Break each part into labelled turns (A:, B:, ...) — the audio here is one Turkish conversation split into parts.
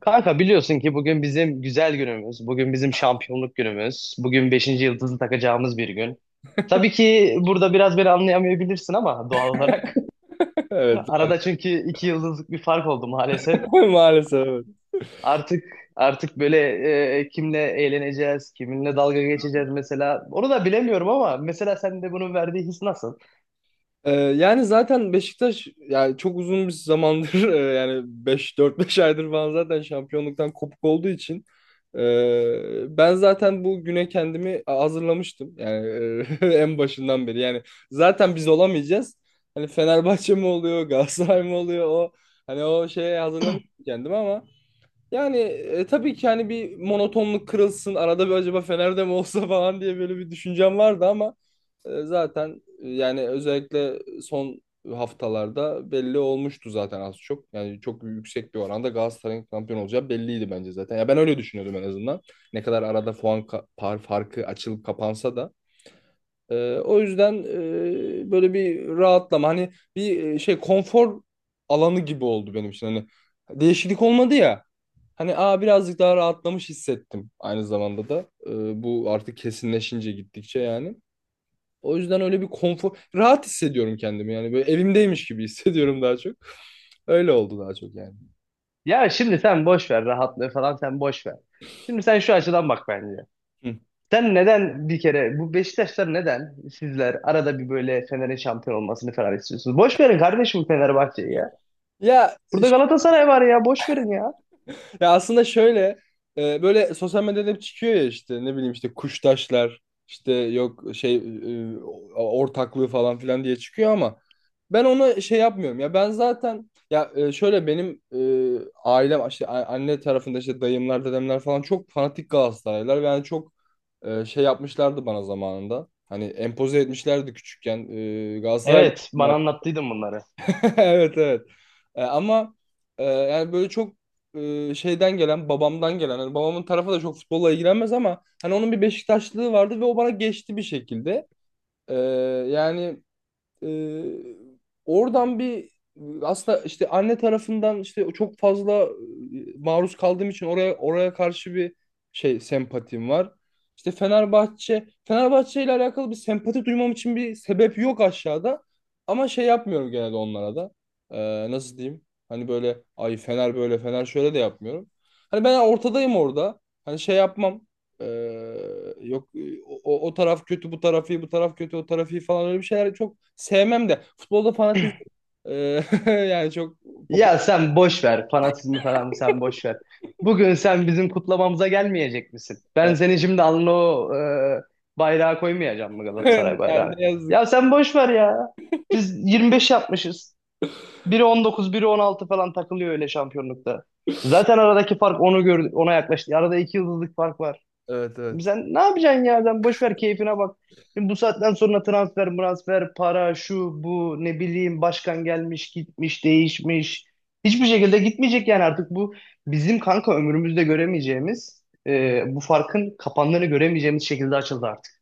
A: Kanka biliyorsun ki bugün bizim güzel günümüz, bugün bizim şampiyonluk günümüz, bugün beşinci yıldızı takacağımız bir gün. Tabii ki burada biraz beni anlayamayabilirsin ama doğal olarak.
B: Evet.
A: Arada çünkü iki yıldızlık bir fark oldu maalesef.
B: Maalesef, evet.
A: Artık artık böyle kimle eğleneceğiz, kiminle dalga geçeceğiz mesela. Onu da bilemiyorum ama mesela sen de bunun verdiği his nasıl?
B: Yani zaten Beşiktaş, yani çok uzun bir zamandır yani 5 4 5 aydır falan zaten şampiyonluktan kopuk olduğu için ben zaten bu güne kendimi hazırlamıştım. Yani en başından beri. Yani zaten biz olamayacağız. Hani Fenerbahçe mi oluyor, Galatasaray mı oluyor, o şeye hazırlamıştım kendimi ama yani tabii ki hani bir monotonluk kırılsın, arada bir acaba Fener'de mi olsa falan diye böyle bir düşüncem vardı ama yani özellikle son haftalarda belli olmuştu zaten az çok. Yani çok yüksek bir oranda Galatasaray'ın şampiyon olacağı belliydi bence zaten. Ya ben öyle düşünüyordum en azından. Ne kadar arada par farkı açılıp kapansa da. O yüzden böyle bir rahatlama, hani bir konfor alanı gibi oldu benim için. Hani değişiklik olmadı ya. Hani aa birazcık daha rahatlamış hissettim aynı zamanda da. Bu artık kesinleşince gittikçe yani. O yüzden öyle bir konfor, rahat hissediyorum kendimi, yani böyle evimdeymiş gibi hissediyorum daha çok. Öyle oldu daha çok yani.
A: Ya şimdi sen boş ver rahatlığı falan sen boş ver. Şimdi sen şu açıdan bak bence.
B: Hı.
A: Sen neden bir kere bu Beşiktaşlar neden sizler arada bir böyle Fener'in şampiyon olmasını falan istiyorsunuz? Boş verin kardeşim Fenerbahçe'yi ya.
B: Ya,
A: Burada Galatasaray var ya boş verin ya.
B: ya aslında şöyle, böyle sosyal medyada hep çıkıyor ya, işte ne bileyim işte kuştaşlar işte yok e, ortaklığı falan filan diye çıkıyor ama ben onu şey yapmıyorum ya, ben zaten ya, şöyle benim, ailem işte anne tarafında işte dayımlar, dedemler falan çok fanatik Galatasaraylılar ve yani çok şey yapmışlardı bana zamanında. Hani empoze etmişlerdi küçükken Galatasaraylı.
A: Evet bana anlattıydın bunları.
B: Evet, evet. E, ama yani böyle çok şeyden gelen, babamdan gelen. Hani babamın tarafı da çok futbolla ilgilenmez ama hani onun bir Beşiktaşlılığı vardı ve o bana geçti bir şekilde. E, yani ee, oradan bir, aslında işte anne tarafından işte çok fazla maruz kaldığım için oraya karşı bir şey, sempatim var. İşte Fenerbahçe ile alakalı bir sempati duymam için bir sebep yok aşağıda. Ama şey yapmıyorum genelde onlara da. Nasıl diyeyim? Hani böyle ay Fener böyle Fener şöyle de yapmıyorum. Hani ben ortadayım orada. Hani şey yapmam. Yok e, O taraf kötü, bu taraf iyi, bu taraf kötü, o taraf iyi falan, öyle bir şeyler çok sevmem de, futbolda fanatizm ee, yani çok
A: Ya
B: popüler.
A: sen boş ver fanatizmi falan sen boş ver. Bugün sen bizim kutlamamıza gelmeyecek misin? Ben seni şimdi alnına o bayrağı koymayacağım mı
B: Yani
A: Galatasaray bayrağını?
B: ne yazık.
A: Ya sen boş ver ya. Biz 25 yapmışız. Biri 19, biri 16 falan takılıyor öyle şampiyonlukta. Zaten aradaki fark onu gördü, ona yaklaştı. Arada iki yıldızlık fark var.
B: Evet, evet.
A: Sen ne yapacaksın ya? Sen boş ver keyfine bak. Şimdi bu saatten sonra transfer, transfer, para, şu, bu, ne bileyim başkan gelmiş, gitmiş, değişmiş. Hiçbir şekilde gitmeyecek yani artık bu bizim kanka ömrümüzde göremeyeceğimiz, bu farkın kapandığını göremeyeceğimiz şekilde açıldı artık.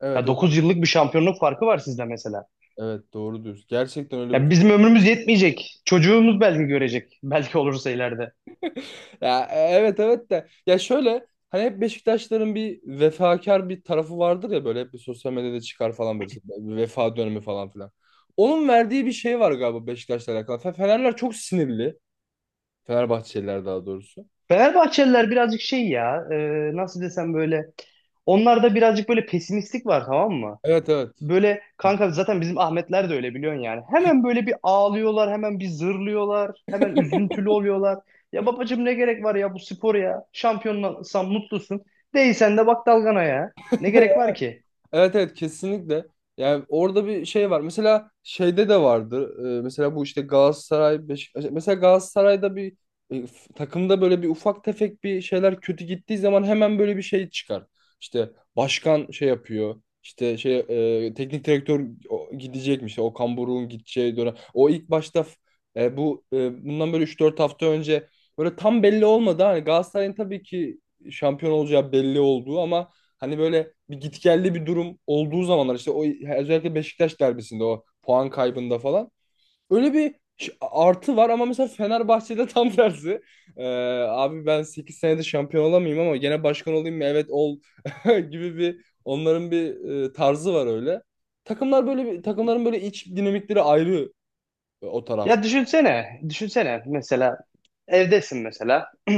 B: Evet.
A: Ya
B: O
A: 9 yıllık bir şampiyonluk farkı var sizde mesela.
B: evet, doğru diyorsun. Gerçekten öyle
A: Ya
B: bir
A: bizim ömrümüz yetmeyecek. Çocuğumuz belki görecek. Belki olursa ileride.
B: ya, evet, evet de, ya şöyle hani hep Beşiktaşların bir vefakar bir tarafı vardır ya, böyle hep bir sosyal medyada çıkar falan, böyle bir vefa dönemi falan filan. Onun verdiği bir şey var galiba Beşiktaş'la alakalı. Fenerler çok sinirli. Fenerbahçeliler daha doğrusu.
A: Fenerbahçeliler birazcık şey ya, nasıl desem böyle. Onlarda birazcık böyle pesimistlik var tamam mı?
B: Evet, evet.
A: Böyle kanka zaten bizim Ahmetler de öyle biliyorsun yani. Hemen böyle bir ağlıyorlar, hemen bir zırlıyorlar, hemen üzüntülü oluyorlar. Ya babacığım ne gerek var ya bu spor ya? Şampiyonsan mutlusun. Değilsen de bak dalgana ya. Ne gerek var ki?
B: Evet, evet, kesinlikle. Yani orada bir şey var. Mesela şeyde de vardı. Mesela bu işte Galatasaray, Beşiktaş. Mesela Galatasaray'da bir takımda böyle bir ufak tefek bir şeyler kötü gittiği zaman hemen böyle bir şey çıkar. İşte başkan şey yapıyor. İşte teknik direktör gidecekmiş. O Okan gideceği dönem. O ilk başta bundan böyle 3 4 hafta önce böyle tam belli olmadı. Hani Galatasaray'ın tabii ki şampiyon olacağı belli olduğu ama hani böyle bir gitgelli bir durum olduğu zamanlar işte o, özellikle Beşiktaş derbisinde o puan kaybında falan. Öyle bir artı var ama mesela Fenerbahçe'de tam tersi. Ee, Abi ben 8 senede şampiyon olamayayım ama gene başkan olayım mı? Evet ol gibi bir, onların bir tarzı var öyle. Takımların böyle iç dinamikleri ayrı o taraf.
A: Ya düşünsene, düşünsene mesela evdesin mesela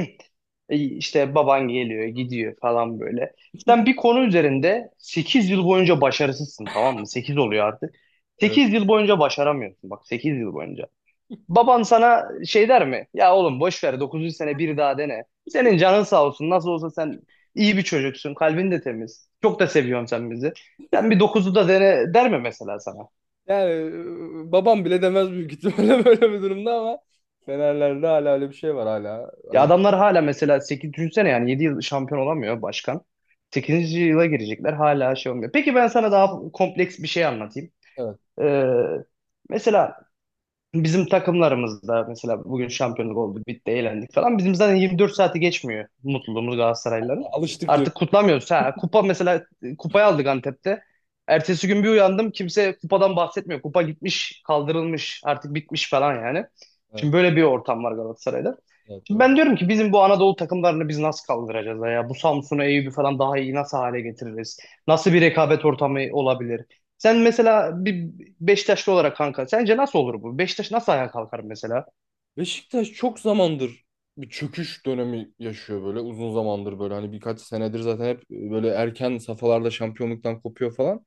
A: İşte baban geliyor gidiyor falan böyle. Sen bir konu üzerinde 8 yıl boyunca başarısızsın tamam mı? 8 oluyor artık.
B: Evet.
A: 8 yıl boyunca başaramıyorsun bak 8 yıl boyunca. Baban sana şey der mi? Ya oğlum boş ver dokuzuncu sene bir daha dene. Senin canın sağ olsun nasıl olsa sen iyi bir çocuksun kalbin de temiz. Çok da seviyorsun sen bizi. Sen bir dokuzu da dene der mi mesela sana?
B: Yani babam bile demez büyük ihtimalle böyle bir durumda ama Fenerlerde hala öyle bir şey var, hala.
A: Ya
B: Öyle.
A: adamlar hala mesela 8 düşünsene yani 7 yıl şampiyon olamıyor başkan. Sekizinci yıla girecekler hala şey olmuyor. Peki ben sana daha kompleks bir şey anlatayım.
B: Evet.
A: Ee, mesela bizim takımlarımızda mesela bugün şampiyonluk oldu, bitti, eğlendik falan. Bizim zaten 24 saati geçmiyor mutluluğumuz Galatasaraylıların.
B: Alıştık diyor.
A: Artık kutlamıyoruz. Ha, kupa mesela kupayı aldık Antep'te. Ertesi gün bir uyandım kimse kupadan bahsetmiyor. Kupa gitmiş, kaldırılmış, artık bitmiş falan yani.
B: Evet,
A: Şimdi böyle bir ortam var Galatasaray'da.
B: evet,
A: Şimdi
B: doğru.
A: ben diyorum ki bizim bu Anadolu takımlarını biz nasıl kaldıracağız ya? Bu Samsun'u, Eyüp'ü falan daha iyi nasıl hale getiririz? Nasıl bir rekabet ortamı olabilir? Sen mesela bir Beşiktaşlı olarak kanka sence nasıl olur bu? Beşiktaş nasıl ayağa kalkar mesela?
B: Beşiktaş çok zamandır bir çöküş dönemi yaşıyor, böyle uzun zamandır, böyle hani birkaç senedir zaten hep böyle erken safhalarda şampiyonluktan kopuyor falan.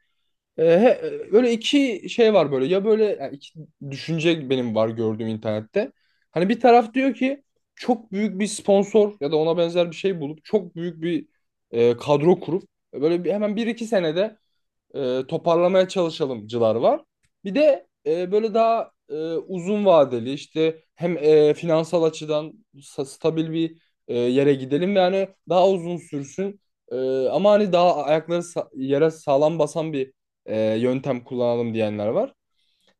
B: Ee, he- böyle iki şey var, böyle ya, böyle yani iki düşünce benim var gördüğüm internette. Hani bir taraf diyor ki çok büyük bir sponsor ya da ona benzer bir şey bulup çok büyük bir kadro kurup böyle bir, hemen 1 2 senede toparlamaya çalışalımcılar var. Bir de böyle daha uzun vadeli, işte hem finansal açıdan stabil bir yere gidelim ve hani daha uzun sürsün. E, Ama hani daha ayakları yere sağlam basan bir yöntem kullanalım diyenler var.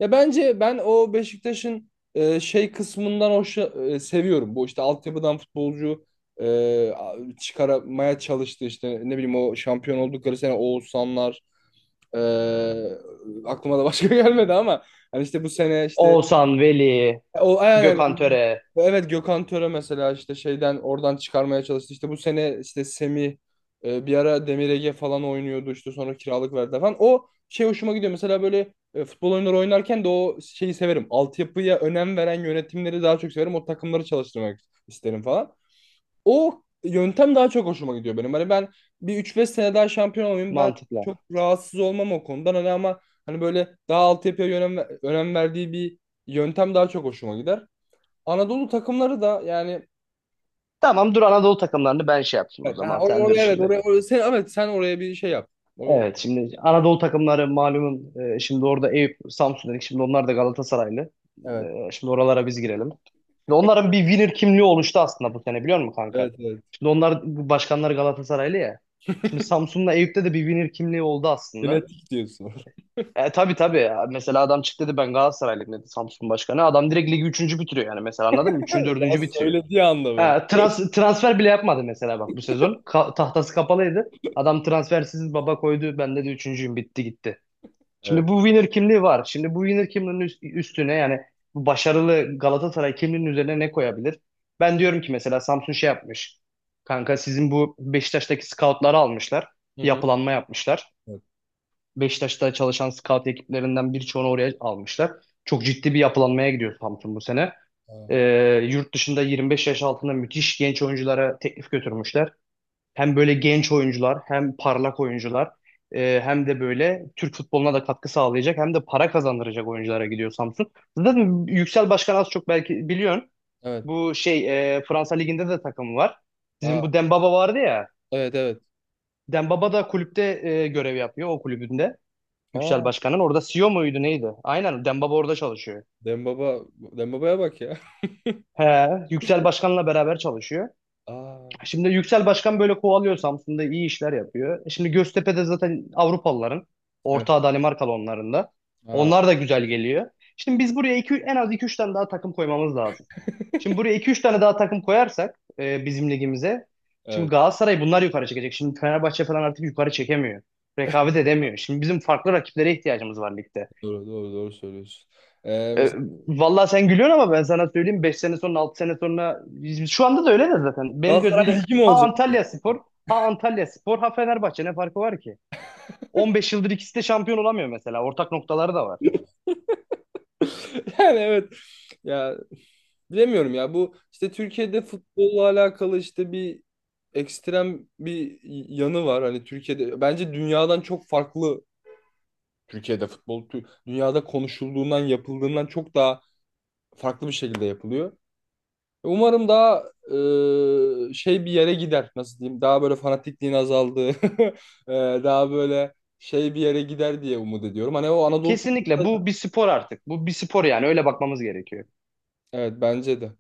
B: Ya bence ben o Beşiktaş'ın kısmından seviyorum. Bu işte altyapıdan futbolcu e, çıkarmaya çalıştı, işte ne bileyim o şampiyon oldukları sene Oğuzhanlar ee, aklıma da başka gelmedi ama hani işte bu sene işte,
A: Oğuzhan, Veli,
B: o aynen
A: Gökhan Töre
B: evet, Gökhan Töre mesela, işte şeyden oradan çıkarmaya çalıştı. İşte bu sene işte Semih, bir ara Demir Ege falan oynuyordu, işte sonra kiralık verdi falan. O şey hoşuma gidiyor. Mesela böyle futbol oyunları oynarken de o şeyi severim. Altyapıya önem veren yönetimleri daha çok severim. O takımları çalıştırmak isterim falan. O yöntem daha çok hoşuma gidiyor benim. Hani ben bir 3 5 sene daha şampiyon olayım, ben
A: mantıkla.
B: çok rahatsız olmam o konudan. Hani ama hani böyle daha altyapıya önem verdiği bir yöntem daha çok hoşuma gider. Anadolu takımları da yani
A: Tamam dur Anadolu takımlarını ben şey yapayım o
B: evet, ha,
A: zaman sen dur
B: oraya, evet,
A: şimdi.
B: oraya, sen, evet, sen oraya bir şey yap. O-
A: Evet şimdi Anadolu takımları malumun şimdi orada Eyüp, Samsun dedik şimdi onlar da Galatasaraylı.
B: evet,
A: Şimdi oralara biz girelim. Şimdi onların bir winner kimliği oluştu aslında bu sene biliyor musun kanka?
B: evet, evet.
A: Şimdi onlar bu başkanları Galatasaraylı ya. Şimdi Samsun'la Eyüp'te de bir winner kimliği oldu aslında.
B: Genetik diyorsun.
A: Tabii tabii. Mesela adam çıktı dedi ben Galatasaraylıyım dedi Samsun Başkanı. Adam direkt ligi üçüncü bitiriyor yani mesela anladın mı? Üçüncü,
B: Daha
A: dördüncü bitiriyor.
B: söylediği anda ben.
A: Ha, transfer bile yapmadı mesela bak bu sezon. Tahtası kapalıydı. Adam transfersiz baba koydu. Ben dedi üçüncüyüm bitti gitti. Şimdi
B: Evet.
A: bu winner kimliği var. Şimdi bu winner kimliğinin üstüne yani bu başarılı Galatasaray kimliğinin üzerine ne koyabilir? Ben diyorum ki mesela Samsun şey yapmış. Kanka sizin bu Beşiktaş'taki scoutları almışlar.
B: Hı hı.
A: Yapılanma yapmışlar.
B: Evet.
A: Beşiktaş'ta çalışan scout ekiplerinden birçoğunu oraya almışlar. Çok ciddi bir yapılanmaya gidiyor Samsun bu sene.
B: Aa,
A: Yurt dışında 25 yaş altında müthiş genç oyunculara teklif götürmüşler. Hem böyle genç oyuncular hem parlak oyuncular hem de böyle Türk futboluna da katkı sağlayacak hem de para kazandıracak oyunculara gidiyor Samsun. Zaten Yüksel Başkan az çok belki biliyorsun.
B: evet.
A: Bu şey Fransa Ligi'nde de takımı var.
B: Aa,
A: Sizin bu Dembaba vardı ya.
B: evet, evet.
A: Dembaba da kulüpte görev yapıyor o kulübünde. Yüksel
B: Aa,
A: Başkan'ın. Orada CEO muydu neydi? Aynen Dembaba orada çalışıyor.
B: Dembaba Dembaba'ya bak ya.
A: He, Yüksel Başkan'la beraber çalışıyor.
B: Aa,
A: Şimdi Yüksel Başkan böyle kovalıyor Samsun'da iyi işler yapıyor. Şimdi Göztepe'de zaten Avrupalıların.
B: evet.
A: Ortağı Danimarkalı onların da.
B: Aa,
A: Onlar da güzel geliyor. Şimdi biz buraya iki, en az iki üç tane daha takım koymamız lazım. Şimdi buraya iki üç tane daha takım koyarsak bizim ligimize. Şimdi
B: evet.
A: Galatasaray bunlar yukarı çekecek. Şimdi Fenerbahçe falan artık yukarı çekemiyor. Rekabet edemiyor. Şimdi bizim farklı rakiplere ihtiyacımız var ligde.
B: Doğru, doğru, doğru söylüyorsun.
A: E,
B: Mesela
A: vallahi sen gülüyorsun ama ben sana söyleyeyim 5 sene sonra 6 sene sonra şu anda da öyle de zaten. Benim
B: Galatasaray
A: gözümde
B: Ligi mi
A: ha
B: olacak?
A: Antalya Spor ha Antalya Spor ha Fenerbahçe ne farkı var ki? 15 yıldır ikisi de şampiyon olamıyor mesela. Ortak noktaları da var.
B: Yani evet. Ya bilemiyorum ya, bu işte Türkiye'de futbolla alakalı işte bir ekstrem bir yanı var. Hani Türkiye'de bence dünyadan çok farklı, Türkiye'de futbol dünyada konuşulduğundan, yapıldığından çok daha farklı bir şekilde yapılıyor. Umarım daha bir yere gider, nasıl diyeyim, daha böyle fanatikliğin azaldığı daha böyle şey bir yere gider diye umut ediyorum. Hani o Anadolu.
A: Kesinlikle bu bir spor artık. Bu bir spor yani öyle bakmamız gerekiyor.
B: Evet, bence de.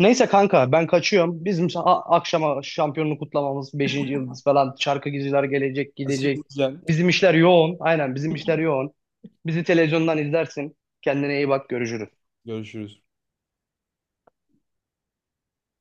A: Neyse kanka ben kaçıyorum. Bizim akşama şampiyonluğu kutlamamız beşinci yıldız falan şarkıcılar gelecek gidecek.
B: Kaçırırken
A: Bizim işler yoğun. Aynen bizim işler yoğun. Bizi televizyondan izlersin. Kendine iyi bak görüşürüz.
B: görüşürüz.